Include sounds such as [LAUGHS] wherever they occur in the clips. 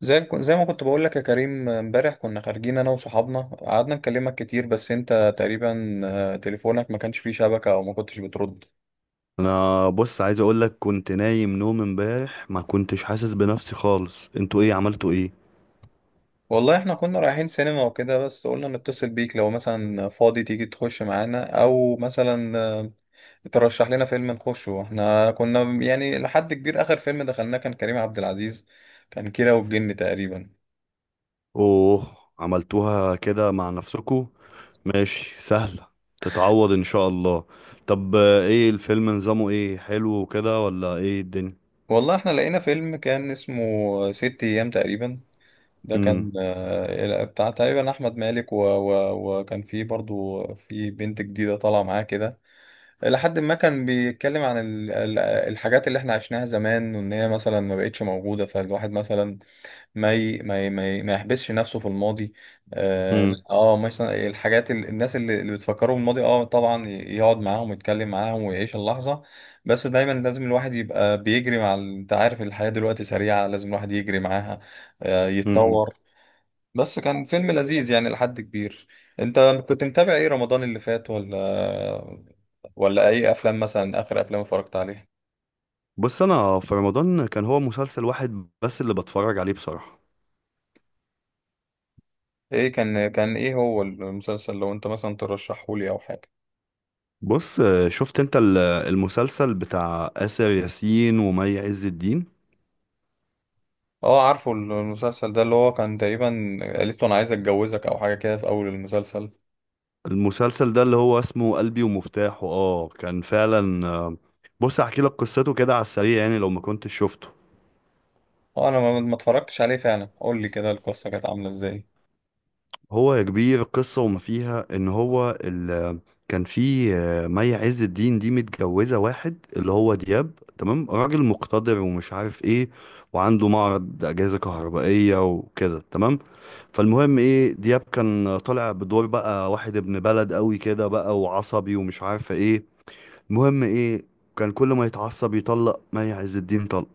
زي ما كنت بقول لك يا كريم، امبارح كنا خارجين انا وصحابنا، قعدنا نكلمك كتير بس انت تقريبا تليفونك ما كانش فيه شبكة او ما كنتش بترد. انا بص عايز اقول لك كنت نايم نوم امبارح ما كنتش حاسس بنفسي خالص. انتوا ايه؟ عملتوا ايه؟ والله احنا كنا رايحين سينما وكده، بس قلنا نتصل بيك لو مثلا فاضي تيجي تخش معانا او مثلا ترشح لنا فيلم نخشه. احنا كنا يعني لحد كبير اخر فيلم دخلناه كان كريم عبد العزيز، كان كيرة والجن تقريبا. اوه، عملتوها كده مع نفسكوا. ماشي سهلة، تتعوض ان شاء الله. طب ايه الفيلم؟ نظامه ايه؟ حلو وكده ولا ايه الدنيا؟ والله احنا لقينا فيلم كان اسمه ست ايام تقريبا، ده امم كان بتاع تقريبا احمد مالك و... و... وكان في برضو في بنت جديده طالعه معاه كده، لحد ما كان بيتكلم عن الحاجات اللي احنا عشناها زمان، وان هي مثلا ما بقتش موجوده، فالواحد مثلا ما يحبسش نفسه في الماضي. اه لا، امم مثلا الحاجات الناس اللي بتفكروا بالماضي اه طبعا يقعد معاهم ويتكلم معاهم ويعيش اللحظه، بس دايما لازم الواحد يبقى بيجري مع انت عارف الحياه دلوقتي سريعه، لازم الواحد يجري معاها، امم يتطور. بس كان فيلم لذيذ يعني لحد كبير. انت كنت متابع ايه رمضان اللي فات، ولا ولا اي افلام مثلا اخر افلام اتفرجت عليها؟ بص، انا في رمضان كان هو مسلسل واحد بس اللي بتفرج عليه بصراحة. ايه كان ايه هو المسلسل، لو انت مثلا ترشحه لي او حاجه؟ بص شفت انت المسلسل بتاع آسر ياسين ومي عز الدين؟ اه، عارفه المسلسل ده اللي هو كان تقريبا قالت له انا عايز اتجوزك او حاجه كده في اول المسلسل. المسلسل ده اللي هو اسمه قلبي ومفتاحه، اه كان فعلا. بص احكي لك قصته كده على السريع يعني لو ما كنتش شفته. اه، انا ما اتفرجتش عليه فعلا، قول لي كده القصه كانت عامله ازاي. هو يا كبير القصة وما فيها ان هو كان في مي عز الدين دي متجوزة واحد اللي هو دياب، تمام؟ راجل مقتدر ومش عارف ايه، وعنده معرض اجهزة كهربائية وكده، تمام؟ فالمهم ايه، دياب كان طالع بدور بقى واحد ابن بلد قوي كده بقى، وعصبي ومش عارف ايه. المهم ايه، كان كل ما يتعصب يطلق مي عز الدين طلقة.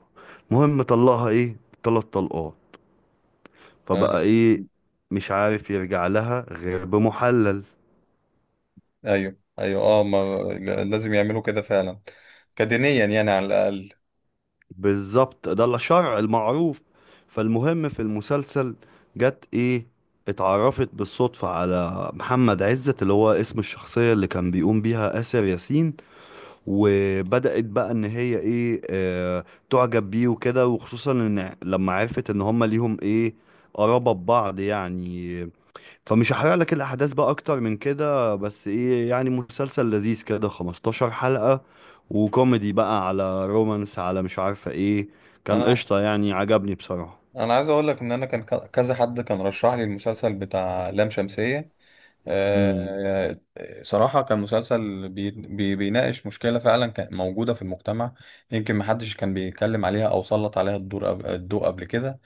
المهم طلقها ايه، تلات طلقات. آه، فبقى ايه، مش عارف يرجع لها غير بمحلل. ايوه ايوه اه، ما لازم يعملوا كده فعلا، كدينيا يعني على الاقل. بالظبط ده الشرع المعروف. فالمهم في المسلسل، جت ايه، اتعرفت بالصدفة على محمد عزت اللي هو اسم الشخصية اللي كان بيقوم بيها آسر ياسين. وبدأت بقى ان هي ايه، آه، تعجب بيه وكده، وخصوصا ان لما عرفت ان هما ليهم ايه، قرابة ببعض يعني. فمش هحرق لك الاحداث بقى اكتر من كده، بس ايه يعني مسلسل لذيذ كده، 15 حلقة، وكوميدي بقى على رومانس على مش عارفة ايه. كان انا قشطة يعني، عجبني بصراحة. انا عايز اقول لك ان انا كان كذا حد كان رشح لي المسلسل بتاع لام شمسية. مم. آه، صراحة كان مسلسل بي بي بيناقش مشكلة فعلا كانت موجودة في المجتمع، يمكن محدش كان بيتكلم عليها او سلط عليها الضوء قبل كده.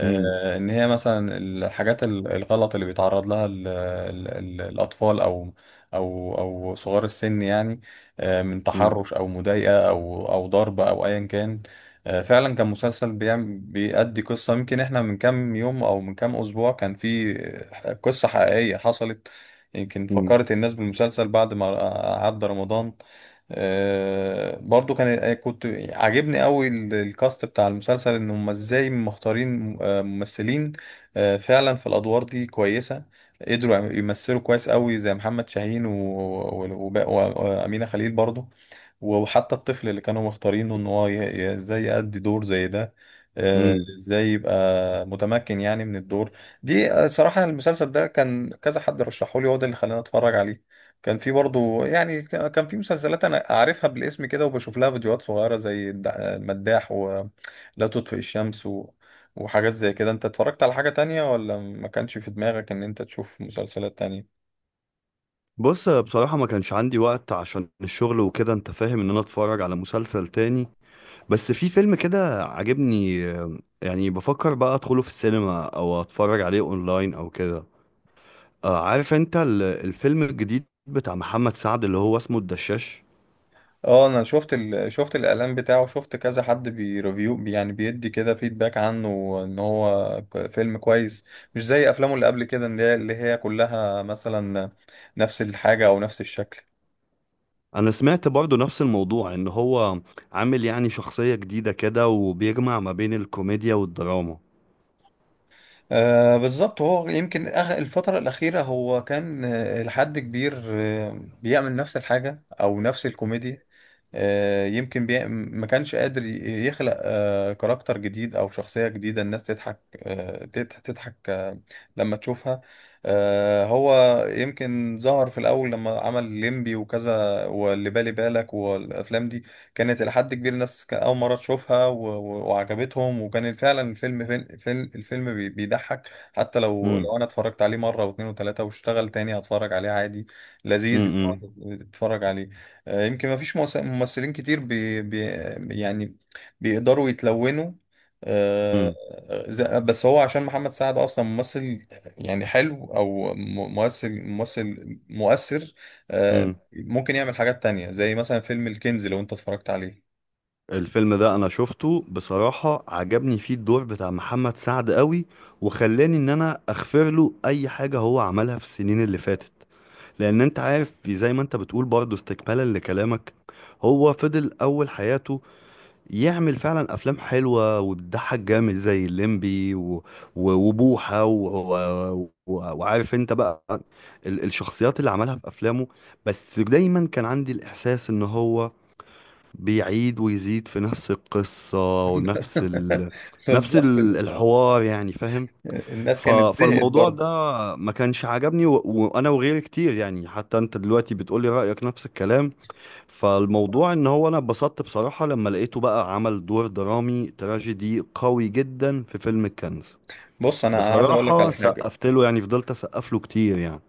مم. ان هي مثلا الحاجات الغلط اللي بيتعرض لها ال ال ال الاطفال او صغار السن يعني، من مم. تحرش او مضايقه او ضرب او ايا كان. فعلا كان مسلسل بيأدي قصه، يمكن احنا من كام يوم او من كام اسبوع كان في قصه حقيقيه حصلت، يمكن مم. فكرت الناس بالمسلسل بعد ما عدى رمضان. آه، برضو كان آه، كنت عاجبني قوي الكاست بتاع المسلسل، ان هم ازاي مختارين ممثلين فعلا في الادوار دي كويسه، قدروا يمثلوا كويس قوي زي محمد شاهين و- و- وب- و- وامينه خليل برضو، وحتى الطفل اللي كانوا مختارينه ان هو ازاي يأدي دور زي ده، مم. ازاي يبقى متمكن يعني من الدور. دي صراحة المسلسل ده كان كذا حد رشحه لي، هو ده اللي خلاني اتفرج عليه. كان في برضو يعني كان في مسلسلات انا اعرفها بالاسم كده وبشوف لها فيديوهات صغيرة، زي المداح ولا تطفئ الشمس وحاجات زي كده. انت اتفرجت على حاجة تانية ولا ما كانش في دماغك ان انت تشوف مسلسلات تانية؟ بص، بصراحة ما كانش عندي وقت عشان الشغل وكده، انت فاهم ان انا اتفرج على مسلسل تاني. بس في فيلم كده عاجبني، يعني بفكر بقى ادخله في السينما او اتفرج عليه اونلاين او كده. عارف انت الفيلم الجديد بتاع محمد سعد اللي هو اسمه الدشاش؟ اه، انا شفت الاعلان بتاعه، شفت كذا حد بيريفيو يعني بيدي كده فيدباك عنه ان هو فيلم كويس، مش زي افلامه اللي قبل كده اللي هي كلها مثلا نفس الحاجة او نفس الشكل. انا سمعت برضو نفس الموضوع، ان هو عامل يعني شخصية جديدة كده وبيجمع ما بين الكوميديا والدراما. آه بالظبط، هو يمكن الفترة الأخيرة هو كان لحد كبير بيعمل نفس الحاجة أو نفس الكوميديا، ما كانش قادر يخلق كاركتر جديد او شخصية جديدة الناس تضحك، تضحك لما تشوفها. هو يمكن ظهر في الاول لما عمل ليمبي وكذا واللي بالي بالك والافلام دي كانت الى حد كبير الناس كان اول مرة تشوفها و... و- وعجبتهم، وكان فعلا الفيلم بيضحك، حتى لو امم لو انا اتفرجت عليه مرة واثنين وثلاثة واشتغل تاني هتفرج عليه عادي، لذيذ إن هو امم تتفرج عليه. يمكن ما فيش ممثلين كتير بي بي يعني بيقدروا يتلونوا، آه، بس هو عشان محمد سعد اصلا ممثل يعني حلو، او ممثل مؤثر. امم ممكن يعمل حاجات تانية زي مثلا فيلم الكنز لو انت اتفرجت عليه. الفيلم ده انا شفته بصراحة، عجبني فيه الدور بتاع محمد سعد قوي. وخلاني ان انا اغفر له اي حاجة هو عملها في السنين اللي فاتت. لان انت عارف زي ما انت بتقول برضه استكمالا لكلامك، هو فضل اول حياته يعمل فعلا افلام حلوه وتضحك جامد زي الليمبي وبوحه وعارف انت بقى الشخصيات اللي عملها في افلامه. بس دايما كان عندي الاحساس ان هو بيعيد ويزيد في نفس القصه ونفس [LAUGHS] ال... نفس بالظبط ال- كده. الحوار يعني، فاهم؟ الناس كانت زهقت فالموضوع برضه. ده ما كانش عجبني، وانا وغيري كتير يعني، حتى انت دلوقتي بتقولي رأيك نفس الكلام. فالموضوع ان هو انا اتبسطت بصراحة لما لقيته بقى عمل دور درامي تراجيدي قوي جدا في فيلم الكنز. بص انا عايز اقول لك بصراحة على حاجة، سقفت له يعني، فضلت اسقف له كتير يعني.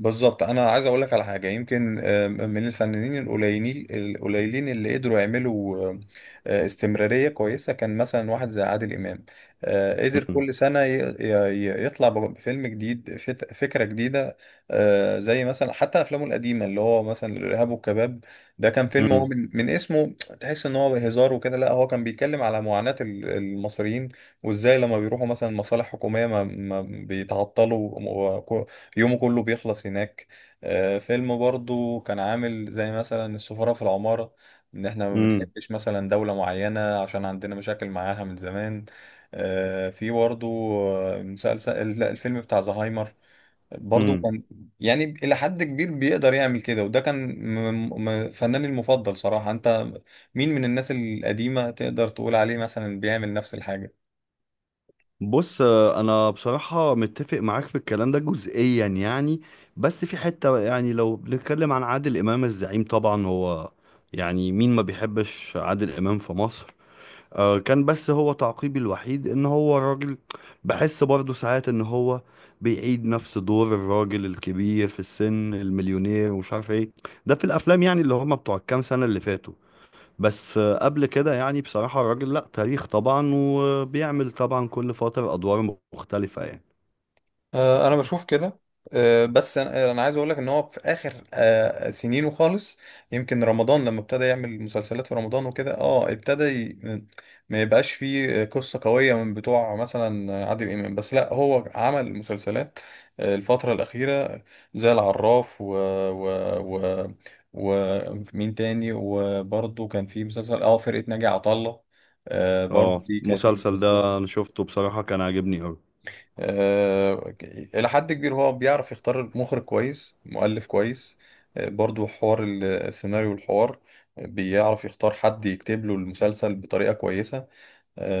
بالظبط انا عايز اقول لك على حاجه، يمكن من الفنانين القليلين اللي قدروا يعملوا استمراريه كويسه، كان مثلا واحد زي عادل امام قدر امم كل سنه يطلع بفيلم جديد، فكره جديده. زي مثلا حتى افلامه القديمه اللي هو مثلا الارهاب والكباب، ده كان فيلم هو من اسمه تحس ان هو هزار وكده، لا هو كان بيتكلم على معاناه المصريين وازاي لما بيروحوا مثلا مصالح حكوميه ما بيتعطلوا يومه كله بيخلص هناك. فيلم برضو كان عامل زي مثلا السفارة في العمارة، ان احنا ما امم بنحبش مثلا دولة معينة عشان عندنا مشاكل معاها من زمان. في برضو آه، مسلسل لا الفيلم بتاع زهايمر، برضو امم كان يعني إلى حد كبير بيقدر يعمل كده، وده كان فناني المفضل صراحة. انت مين من الناس القديمة تقدر تقول عليه مثلا بيعمل نفس الحاجة؟ بص انا بصراحة متفق معاك في الكلام ده جزئيا يعني. بس في حتة، يعني لو بنتكلم عن عادل امام الزعيم، طبعا هو يعني مين ما بيحبش عادل امام في مصر؟ كان بس هو تعقيبي الوحيد ان هو راجل، بحس برضه ساعات ان هو بيعيد نفس دور الراجل الكبير في السن المليونير ومش عارف ايه. ده في الافلام يعني اللي هما بتوع الكام سنة اللي فاتوا. بس قبل كده يعني بصراحة الراجل لأ، تاريخ طبعا، وبيعمل طبعا كل فترة أدوار مختلفة يعني. انا بشوف كده. آه، بس انا آه، أنا عايز اقول لك ان هو في اخر سنينه خالص، يمكن رمضان لما ابتدى يعمل مسلسلات في رمضان وكده، اه ابتدى ما يبقاش فيه قصة قوية من بتوع مثلا عادل امام، بس لا هو عمل مسلسلات الفترة الأخيرة زي العراف و و و ومين تاني، وبرضه كان في مسلسل اه فرقة ناجي عطا الله، برضه اه، دي كانت من المسلسل المسلسلات. ده أنا شفته بصراحة، كان عاجبني أوي. آه، إلى حد كبير هو بيعرف يختار مخرج كويس، مؤلف كويس، برضو حوار السيناريو والحوار، بيعرف يختار حد يكتب له المسلسل بطريقة كويسة.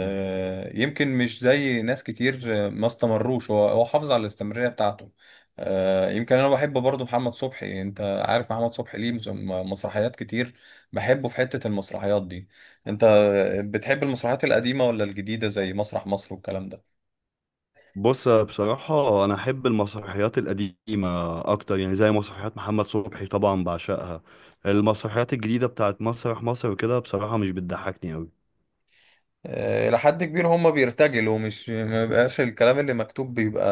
مم. يمكن مش زي ناس كتير ما استمروش، هو حافظ على الاستمرارية بتاعته. يمكن أنا بحب برضو محمد صبحي، أنت عارف محمد صبحي ليه مسرحيات كتير، بحبه في حتة المسرحيات دي. أنت بتحب المسرحيات القديمة ولا الجديدة زي مسرح مصر والكلام ده؟ بص بصراحة أنا أحب المسرحيات القديمة أكتر، يعني زي مسرحيات محمد صبحي طبعا بعشقها. المسرحيات الجديدة بتاعت مسرح مصر وكده بصراحة مش بتضحكني أوي. إلى حد كبير هم بيرتجلوا، مش ما بقاش الكلام اللي مكتوب بيبقى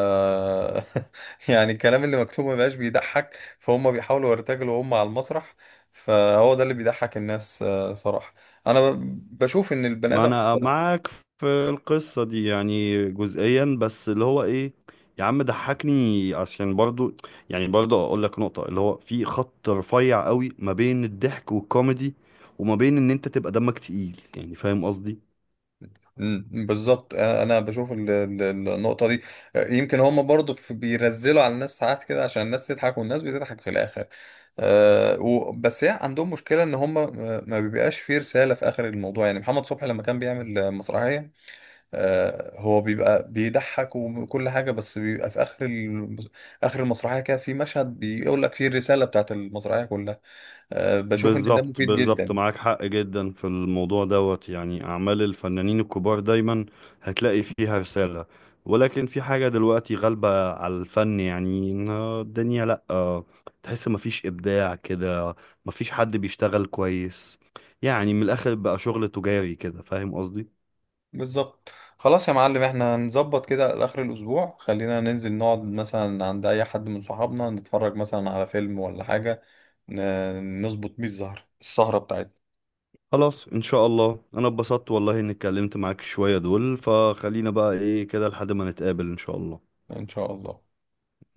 [LAUGHS] يعني الكلام اللي مكتوب ما بقاش بيضحك، فهم بيحاولوا يرتجلوا هم على المسرح، فهو ده اللي بيضحك الناس صراحة. أنا بشوف إن البني ما آدم، انا معاك في القصة دي يعني جزئيا، بس اللي هو ايه، يا عم ضحكني عشان برضو، يعني برضو اقول لك نقطة، اللي هو في خط رفيع قوي ما بين الضحك والكوميدي، وما بين ان انت تبقى دمك تقيل، يعني فاهم قصدي؟ مم، بالظبط. انا بشوف النقطه دي، يمكن هم برضو بيرزلوا على الناس ساعات كده عشان الناس تضحك، والناس بتضحك في الاخر. بس هي عندهم مشكله ان هم ما بيبقاش فيه رساله في اخر الموضوع، يعني محمد صبحي لما كان بيعمل مسرحيه أه هو بيبقى بيضحك وكل حاجه، بس بيبقى في اخر المسرحيه كده في مشهد بيقول لك فيه الرساله بتاعت المسرحيه كلها. أه بشوف ان ده بالظبط، مفيد بالظبط، جدا. معاك حق جدا في الموضوع دوت، يعني أعمال الفنانين الكبار دايما هتلاقي فيها رسالة. ولكن في حاجة دلوقتي غالبة على الفن يعني، إن الدنيا لأ، تحس مفيش إبداع كده، مفيش حد بيشتغل كويس. يعني من الآخر بقى شغل تجاري كده، فاهم قصدي؟ بالظبط. خلاص يا معلم، احنا هنظبط كده لاخر الاسبوع، خلينا ننزل نقعد مثلا عند اي حد من صحابنا نتفرج مثلا على فيلم ولا حاجه، نظبط بيه الزهر السهره بتاعتنا. خلاص إن شاء الله، أنا اتبسطت والله إني اتكلمت معاك شوية دول، فخلينا بقى إيه كده لحد ما نتقابل إن شاء الله. ان شاء الله.